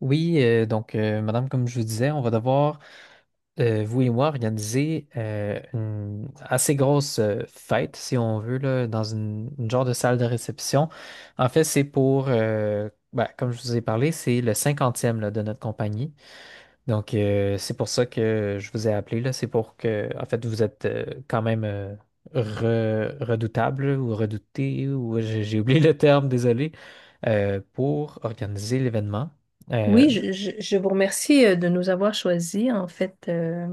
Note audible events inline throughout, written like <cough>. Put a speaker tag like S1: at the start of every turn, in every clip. S1: Oui, donc, madame, comme je vous disais, on va devoir, vous et moi, organiser une assez grosse fête, si on veut, là, dans une genre de salle de réception. En fait, c'est pour, ben, comme je vous ai parlé, c'est le cinquantième là, de notre compagnie. Donc, c'est pour ça que je vous ai appelé, là. C'est pour que, en fait, vous êtes quand même redoutable ou redouté, ou j'ai oublié le terme, désolé, pour organiser l'événement. Euh,
S2: Oui, je vous remercie de nous avoir choisis. En fait,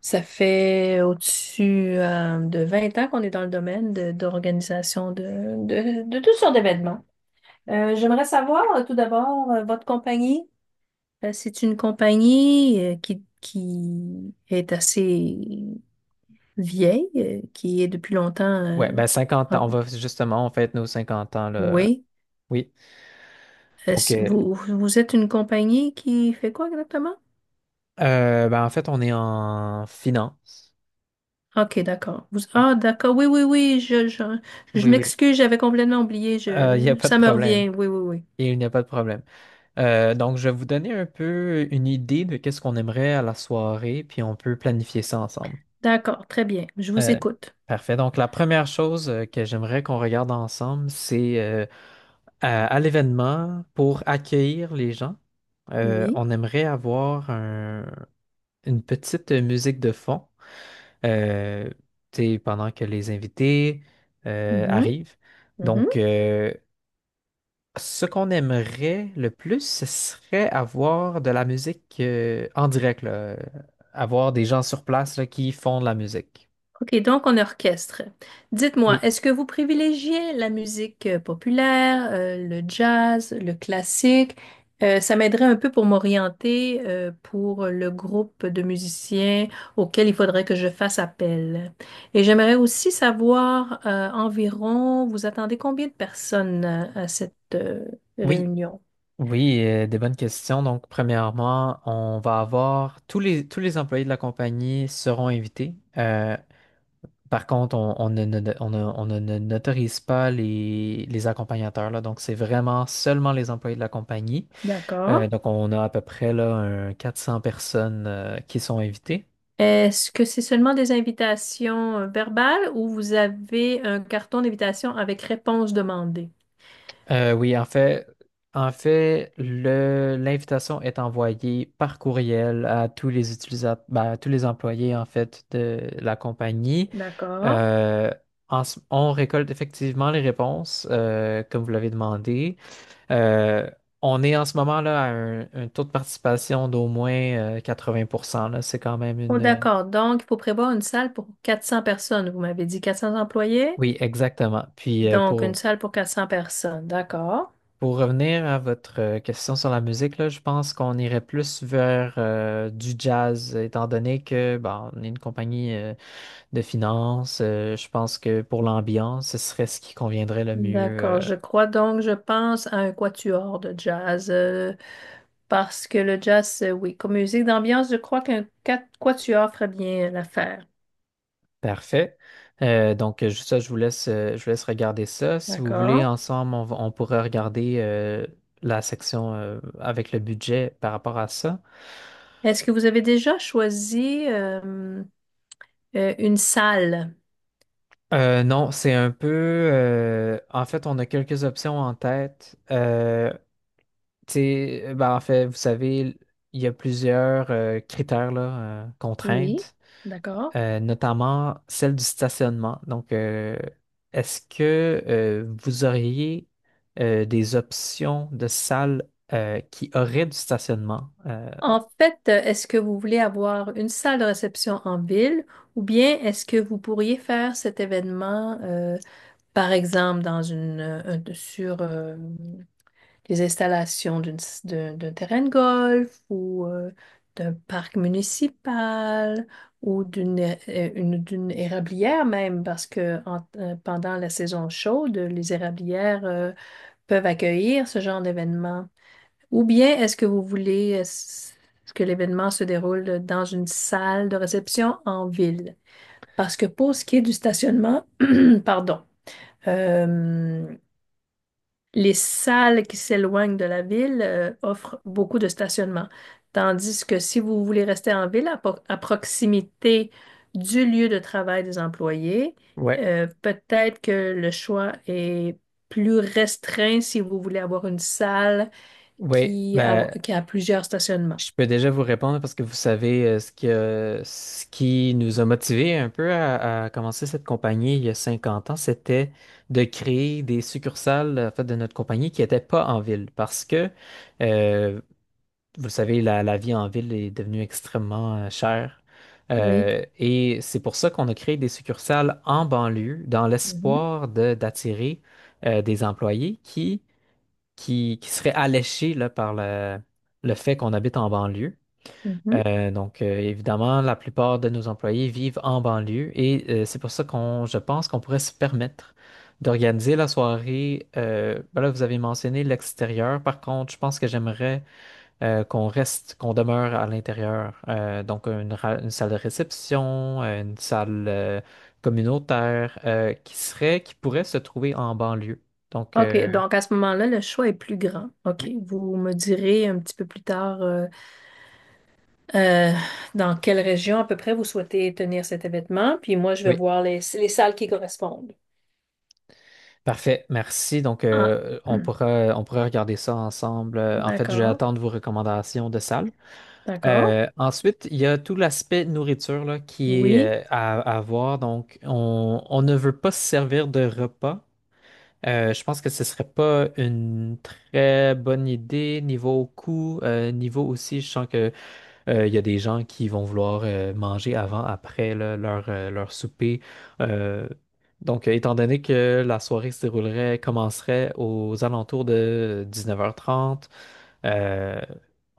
S2: ça fait au-dessus de 20 ans qu'on est dans le domaine d'organisation de toutes sortes d'événements. J'aimerais savoir tout d'abord votre compagnie. C'est une compagnie qui est assez vieille, qui est depuis longtemps.
S1: Ouais, ben 50
S2: En-
S1: ans, on va justement, on fête nos 50 ans, là.
S2: oui.
S1: Oui.
S2: Est-ce-
S1: OK.
S2: Vous, vous êtes une compagnie qui fait quoi exactement?
S1: Ben en fait, on est en finance.
S2: OK, d'accord. Ah, d'accord. Oui, oui, oui. Je
S1: Oui, oui.
S2: m'excuse, j'avais complètement oublié.
S1: Il n'y a
S2: Je,
S1: pas de
S2: ça me
S1: problème.
S2: revient. Oui, oui, oui.
S1: Il n'y a pas de problème. Donc, je vais vous donner un peu une idée de qu'est-ce qu'on aimerait à la soirée, puis on peut planifier ça ensemble.
S2: D'accord, très bien. Je vous
S1: Euh,
S2: écoute.
S1: parfait. Donc, la première chose que j'aimerais qu'on regarde ensemble, c'est à l'événement, pour accueillir les gens,
S2: Oui.
S1: on aimerait avoir un une petite musique de fond euh, tu sais, pendant que les invités
S2: Mhm,
S1: arrivent. Donc,
S2: mhm.
S1: ce qu'on aimerait le plus, ce serait avoir de la musique en direct, là, avoir des gens sur place là, qui font de la musique.
S2: OK, donc on orchestre. Dites-moi,
S1: Oui,
S2: est-ce que vous privilégiez la musique populaire, le jazz, le classique? Ça m'aiderait un peu pour m'orienter pour le groupe de musiciens auquel il faudrait que je fasse appel. Et j'aimerais aussi savoir environ, vous attendez combien de personnes à cette
S1: oui,
S2: réunion?
S1: oui, des bonnes questions. Donc, premièrement, on va avoir tous les employés de la compagnie seront invités. Par contre, on ne, on on n'autorise pas les accompagnateurs, là. Donc, c'est vraiment seulement les employés de la compagnie.
S2: D'accord.
S1: Donc, on a à peu près là, un 400 personnes qui sont invitées.
S2: Est-ce que c'est seulement des invitations verbales ou vous avez un carton d'invitation avec réponse demandée?
S1: Oui, en fait, l'invitation est envoyée par courriel à tous les utilisateurs, à tous les employés, en fait, de la compagnie.
S2: D'accord.
S1: Euh, on récolte effectivement les réponses, comme vous l'avez demandé. Euh, on est en ce moment là à un taux de participation d'au moins 80%, là. C'est quand même
S2: Oh,
S1: une...
S2: d'accord. Donc, il faut prévoir une salle pour 400 personnes. Vous m'avez dit 400 employés.
S1: Oui, exactement. Puis
S2: Donc, une salle pour 400 personnes. D'accord.
S1: pour revenir à votre question sur la musique, là, je pense qu'on irait plus vers du jazz, étant donné que bon, on est une compagnie de finances. Je pense que pour l'ambiance, ce serait ce qui conviendrait le mieux
S2: D'accord. Je crois donc, je pense à un quatuor de jazz, parce que le jazz, oui, comme musique d'ambiance, je crois qu'un quatuor ferait bien l'affaire.
S1: Parfait. Donc, ça, je vous laisse regarder ça. Si vous voulez,
S2: D'accord.
S1: ensemble, on pourrait regarder la section avec le budget par rapport à ça.
S2: Est-ce que vous avez déjà choisi une salle?
S1: Non, c'est un peu... en fait, on a quelques options en tête. Tu sais, ben, en fait, vous savez, il y a plusieurs critères, là,
S2: Oui.
S1: contraintes.
S2: D'accord.
S1: Euh, notamment celle du stationnement. Donc, est-ce que vous auriez des options de salles qui auraient du stationnement?
S2: En fait, est-ce que vous voulez avoir une salle de réception en ville ou bien est-ce que vous pourriez faire cet événement, par exemple, dans sur les installations d'une s- d'un d'un terrain de golf ou d'un parc municipal ou d'une érablière même, parce que pendant la saison chaude, les érablières peuvent accueillir ce genre d'événement. Ou bien est-ce que vous voulez que l'événement se déroule dans une salle de réception en ville? Parce que pour ce qui est du stationnement, <clears throat> pardon, euh, les salles qui s'éloignent de la ville offrent beaucoup de stationnement. Tandis que si vous voulez rester en ville à proximité du lieu de travail des employés,
S1: Ouais,
S2: peut-être que le choix est plus restreint si vous voulez avoir une salle
S1: ouais,
S2: qui a,
S1: ben,
S2: qui a plusieurs stationnements.
S1: je peux déjà vous répondre parce que vous savez ce qui nous a motivés un peu à commencer cette compagnie il y a 50 ans, c'était de créer des succursales en fait, de notre compagnie qui n'étaient pas en ville parce que euh, vous le savez, la vie en ville est devenue extrêmement chère.
S2: Oui.
S1: Et c'est pour ça qu'on a créé des succursales en banlieue dans
S2: Mhm,
S1: l'espoir d'attirer des employés qui, qui seraient alléchés là, par le fait qu'on habite en banlieue.
S2: mhm.
S1: Donc, évidemment, la plupart de nos employés vivent en banlieue et c'est pour ça qu'on, je pense qu'on pourrait se permettre d'organiser la soirée. Ben là, vous avez mentionné l'extérieur. Par contre, je pense que j'aimerais qu'on reste, qu'on demeure à l'intérieur. Donc, une salle de réception, une salle communautaire qui serait, qui pourrait se trouver en banlieue. Donc,
S2: OK, donc à ce moment-là, le choix est plus grand. OK, vous me direz un petit peu plus tard euh, dans quelle région à peu près vous souhaitez tenir cet événement, puis moi, je vais
S1: oui,
S2: voir les salles qui correspondent.
S1: parfait, merci. Donc,
S2: Ah, <clears throat> hum,
S1: on pourra regarder ça ensemble. En fait, je vais
S2: d'accord,
S1: attendre vos recommandations de salles.
S2: d'accord.
S1: Ensuite, il y a tout l'aspect nourriture là, qui
S2: Oui.
S1: est à voir. Donc, on ne veut pas se servir de repas. Je pense que ce serait pas une très bonne idée niveau coût, niveau aussi, je sens que il y a des gens qui vont vouloir manger avant, après là, leur, leur souper. Euh, donc, étant donné que la soirée se déroulerait, commencerait aux alentours de 19h30, euh,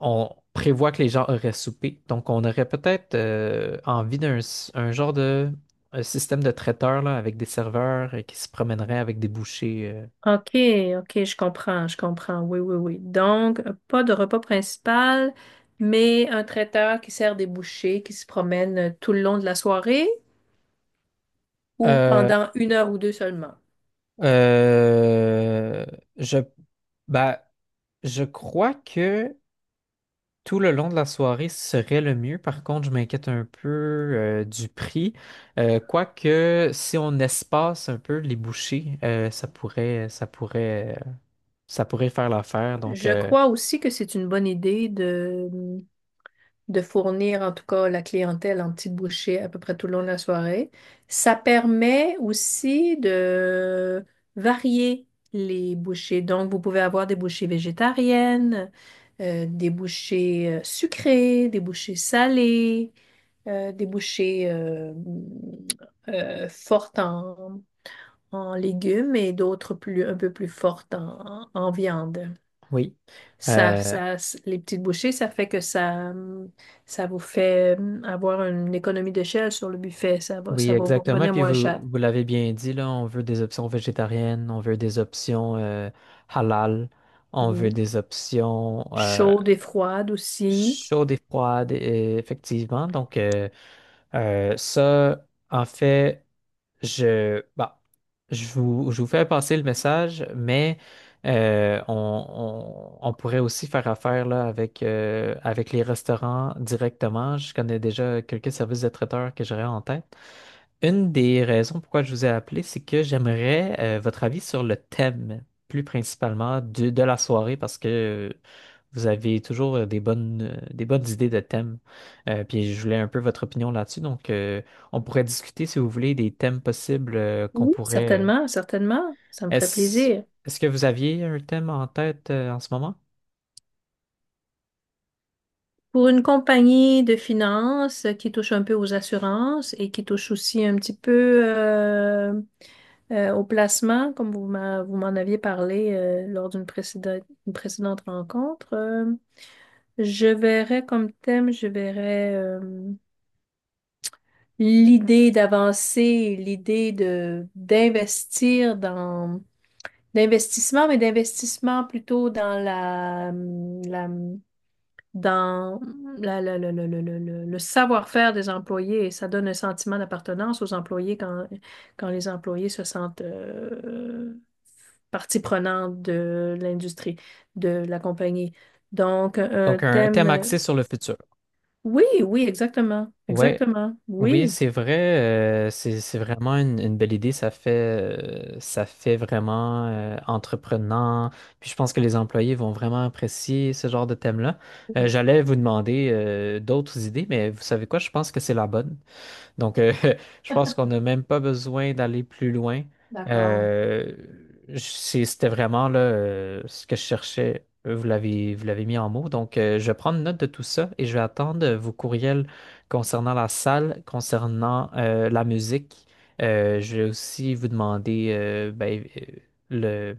S1: on prévoit que les gens auraient soupé. Donc, on aurait peut-être envie un genre de un système de traiteur là, avec des serveurs qui se promèneraient avec des bouchées.
S2: OK, OK, je comprends, je comprends. Oui, oui, oui. Donc, pas de repas principal, mais un traiteur qui sert des bouchées, qui se promène tout le long de la soirée ou
S1: Euh,
S2: pendant une heure ou deux seulement.
S1: euh, je, bah, je crois que tout le long de la soirée serait le mieux. Par contre, je m'inquiète un peu du prix. Quoique, si on espace un peu les bouchées, ça pourrait faire l'affaire. Donc,
S2: Je crois aussi que c'est une bonne idée de fournir en tout cas la clientèle en petits bouchées à peu près tout le long de la soirée. Ça permet aussi de varier les bouchées. Donc, vous pouvez avoir des bouchées végétariennes, des bouchées sucrées, des bouchées salées, des bouchées fortes en légumes et d'autres plus, un peu plus fortes en viande.
S1: oui,
S2: Ça,
S1: Euh,
S2: ça, les petites bouchées, ça fait que ça, ça vous fait avoir une économie d'échelle sur le buffet. Ça va,
S1: oui,
S2: ça va vous
S1: exactement.
S2: revenir
S1: Puis
S2: moins
S1: vous,
S2: cher.
S1: vous l'avez bien dit, là, on veut des options végétariennes, on veut des options halal, on veut
S2: Oui.
S1: des options.
S2: Chaude et froide aussi.
S1: Chaude et froide, effectivement. Donc, ça, en fait, je, bah, je vous fais passer le message, mais on, on pourrait aussi faire affaire là, avec, avec les restaurants directement. Je connais déjà quelques services de traiteurs que j'aurais en tête. Une des raisons pourquoi je vous ai appelé, c'est que j'aimerais votre avis sur le thème, plus principalement de la soirée, parce que vous avez toujours des bonnes idées de thèmes. Puis je voulais un peu votre opinion là-dessus. Donc, on pourrait discuter, si vous voulez, des thèmes possibles qu'on
S2: Oui,
S1: pourrait.
S2: certainement, certainement. Ça me ferait
S1: Est-ce,
S2: plaisir.
S1: est-ce que vous aviez un thème en tête en ce moment?
S2: Pour une compagnie de finances qui touche un peu aux assurances et qui touche aussi un petit peu au placement, comme vous m'en aviez parlé lors d'une précédente rencontre, je verrais comme thème, je verrais l'idée d'avancer, l'idée de d'investir dans d'investissement, mais d'investissement plutôt dans la dans le savoir-faire des employés. Et ça donne un sentiment d'appartenance aux employés quand les employés se sentent partie prenante de l'industrie, de la compagnie. Donc, un
S1: Donc, un thème axé
S2: thème.
S1: sur le futur.
S2: Oui, oui, exactement.
S1: Ouais,
S2: Exactement.
S1: oui,
S2: Oui.
S1: c'est vrai, c'est vraiment une belle idée. Ça fait vraiment entreprenant. Puis je pense que les employés vont vraiment apprécier ce genre de thème-là.
S2: Oui,
S1: J'allais vous demander d'autres idées, mais vous savez quoi? Je pense que c'est la bonne. Donc, <laughs> je pense qu'on n'a même pas besoin d'aller plus loin.
S2: d'accord.
S1: Euh, c'était vraiment là, ce que je cherchais. Vous l'avez, vous l'avez mis en mots. Donc, je vais prendre note de tout ça et je vais attendre vos courriels concernant la salle, concernant la musique. Je vais aussi vous demander, ben, le,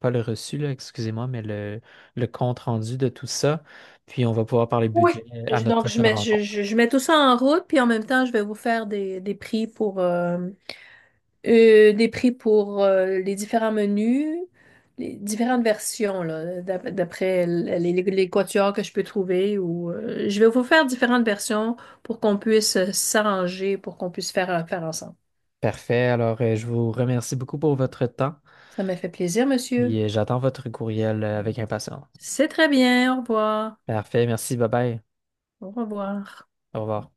S1: pas le reçu, là, excusez-moi, mais le compte rendu de tout ça. Puis, on va pouvoir parler
S2: Oui.
S1: budget à notre
S2: Donc, je
S1: prochaine
S2: mets, je,
S1: rencontre.
S2: je- je mets tout ça en route, puis en même temps, je vais vous faire des prix pour les différents menus, les différentes versions, là, d'après les quatuors que je peux trouver. Ou, je vais vous faire différentes versions pour qu'on puisse s'arranger, pour qu'on puisse faire ensemble.
S1: Parfait. Alors, je vous remercie beaucoup pour votre temps
S2: Ça m'a fait plaisir, monsieur.
S1: et j'attends votre courriel avec impatience.
S2: C'est très bien. Au revoir.
S1: Parfait. Merci. Bye bye.
S2: Au revoir.
S1: Au revoir.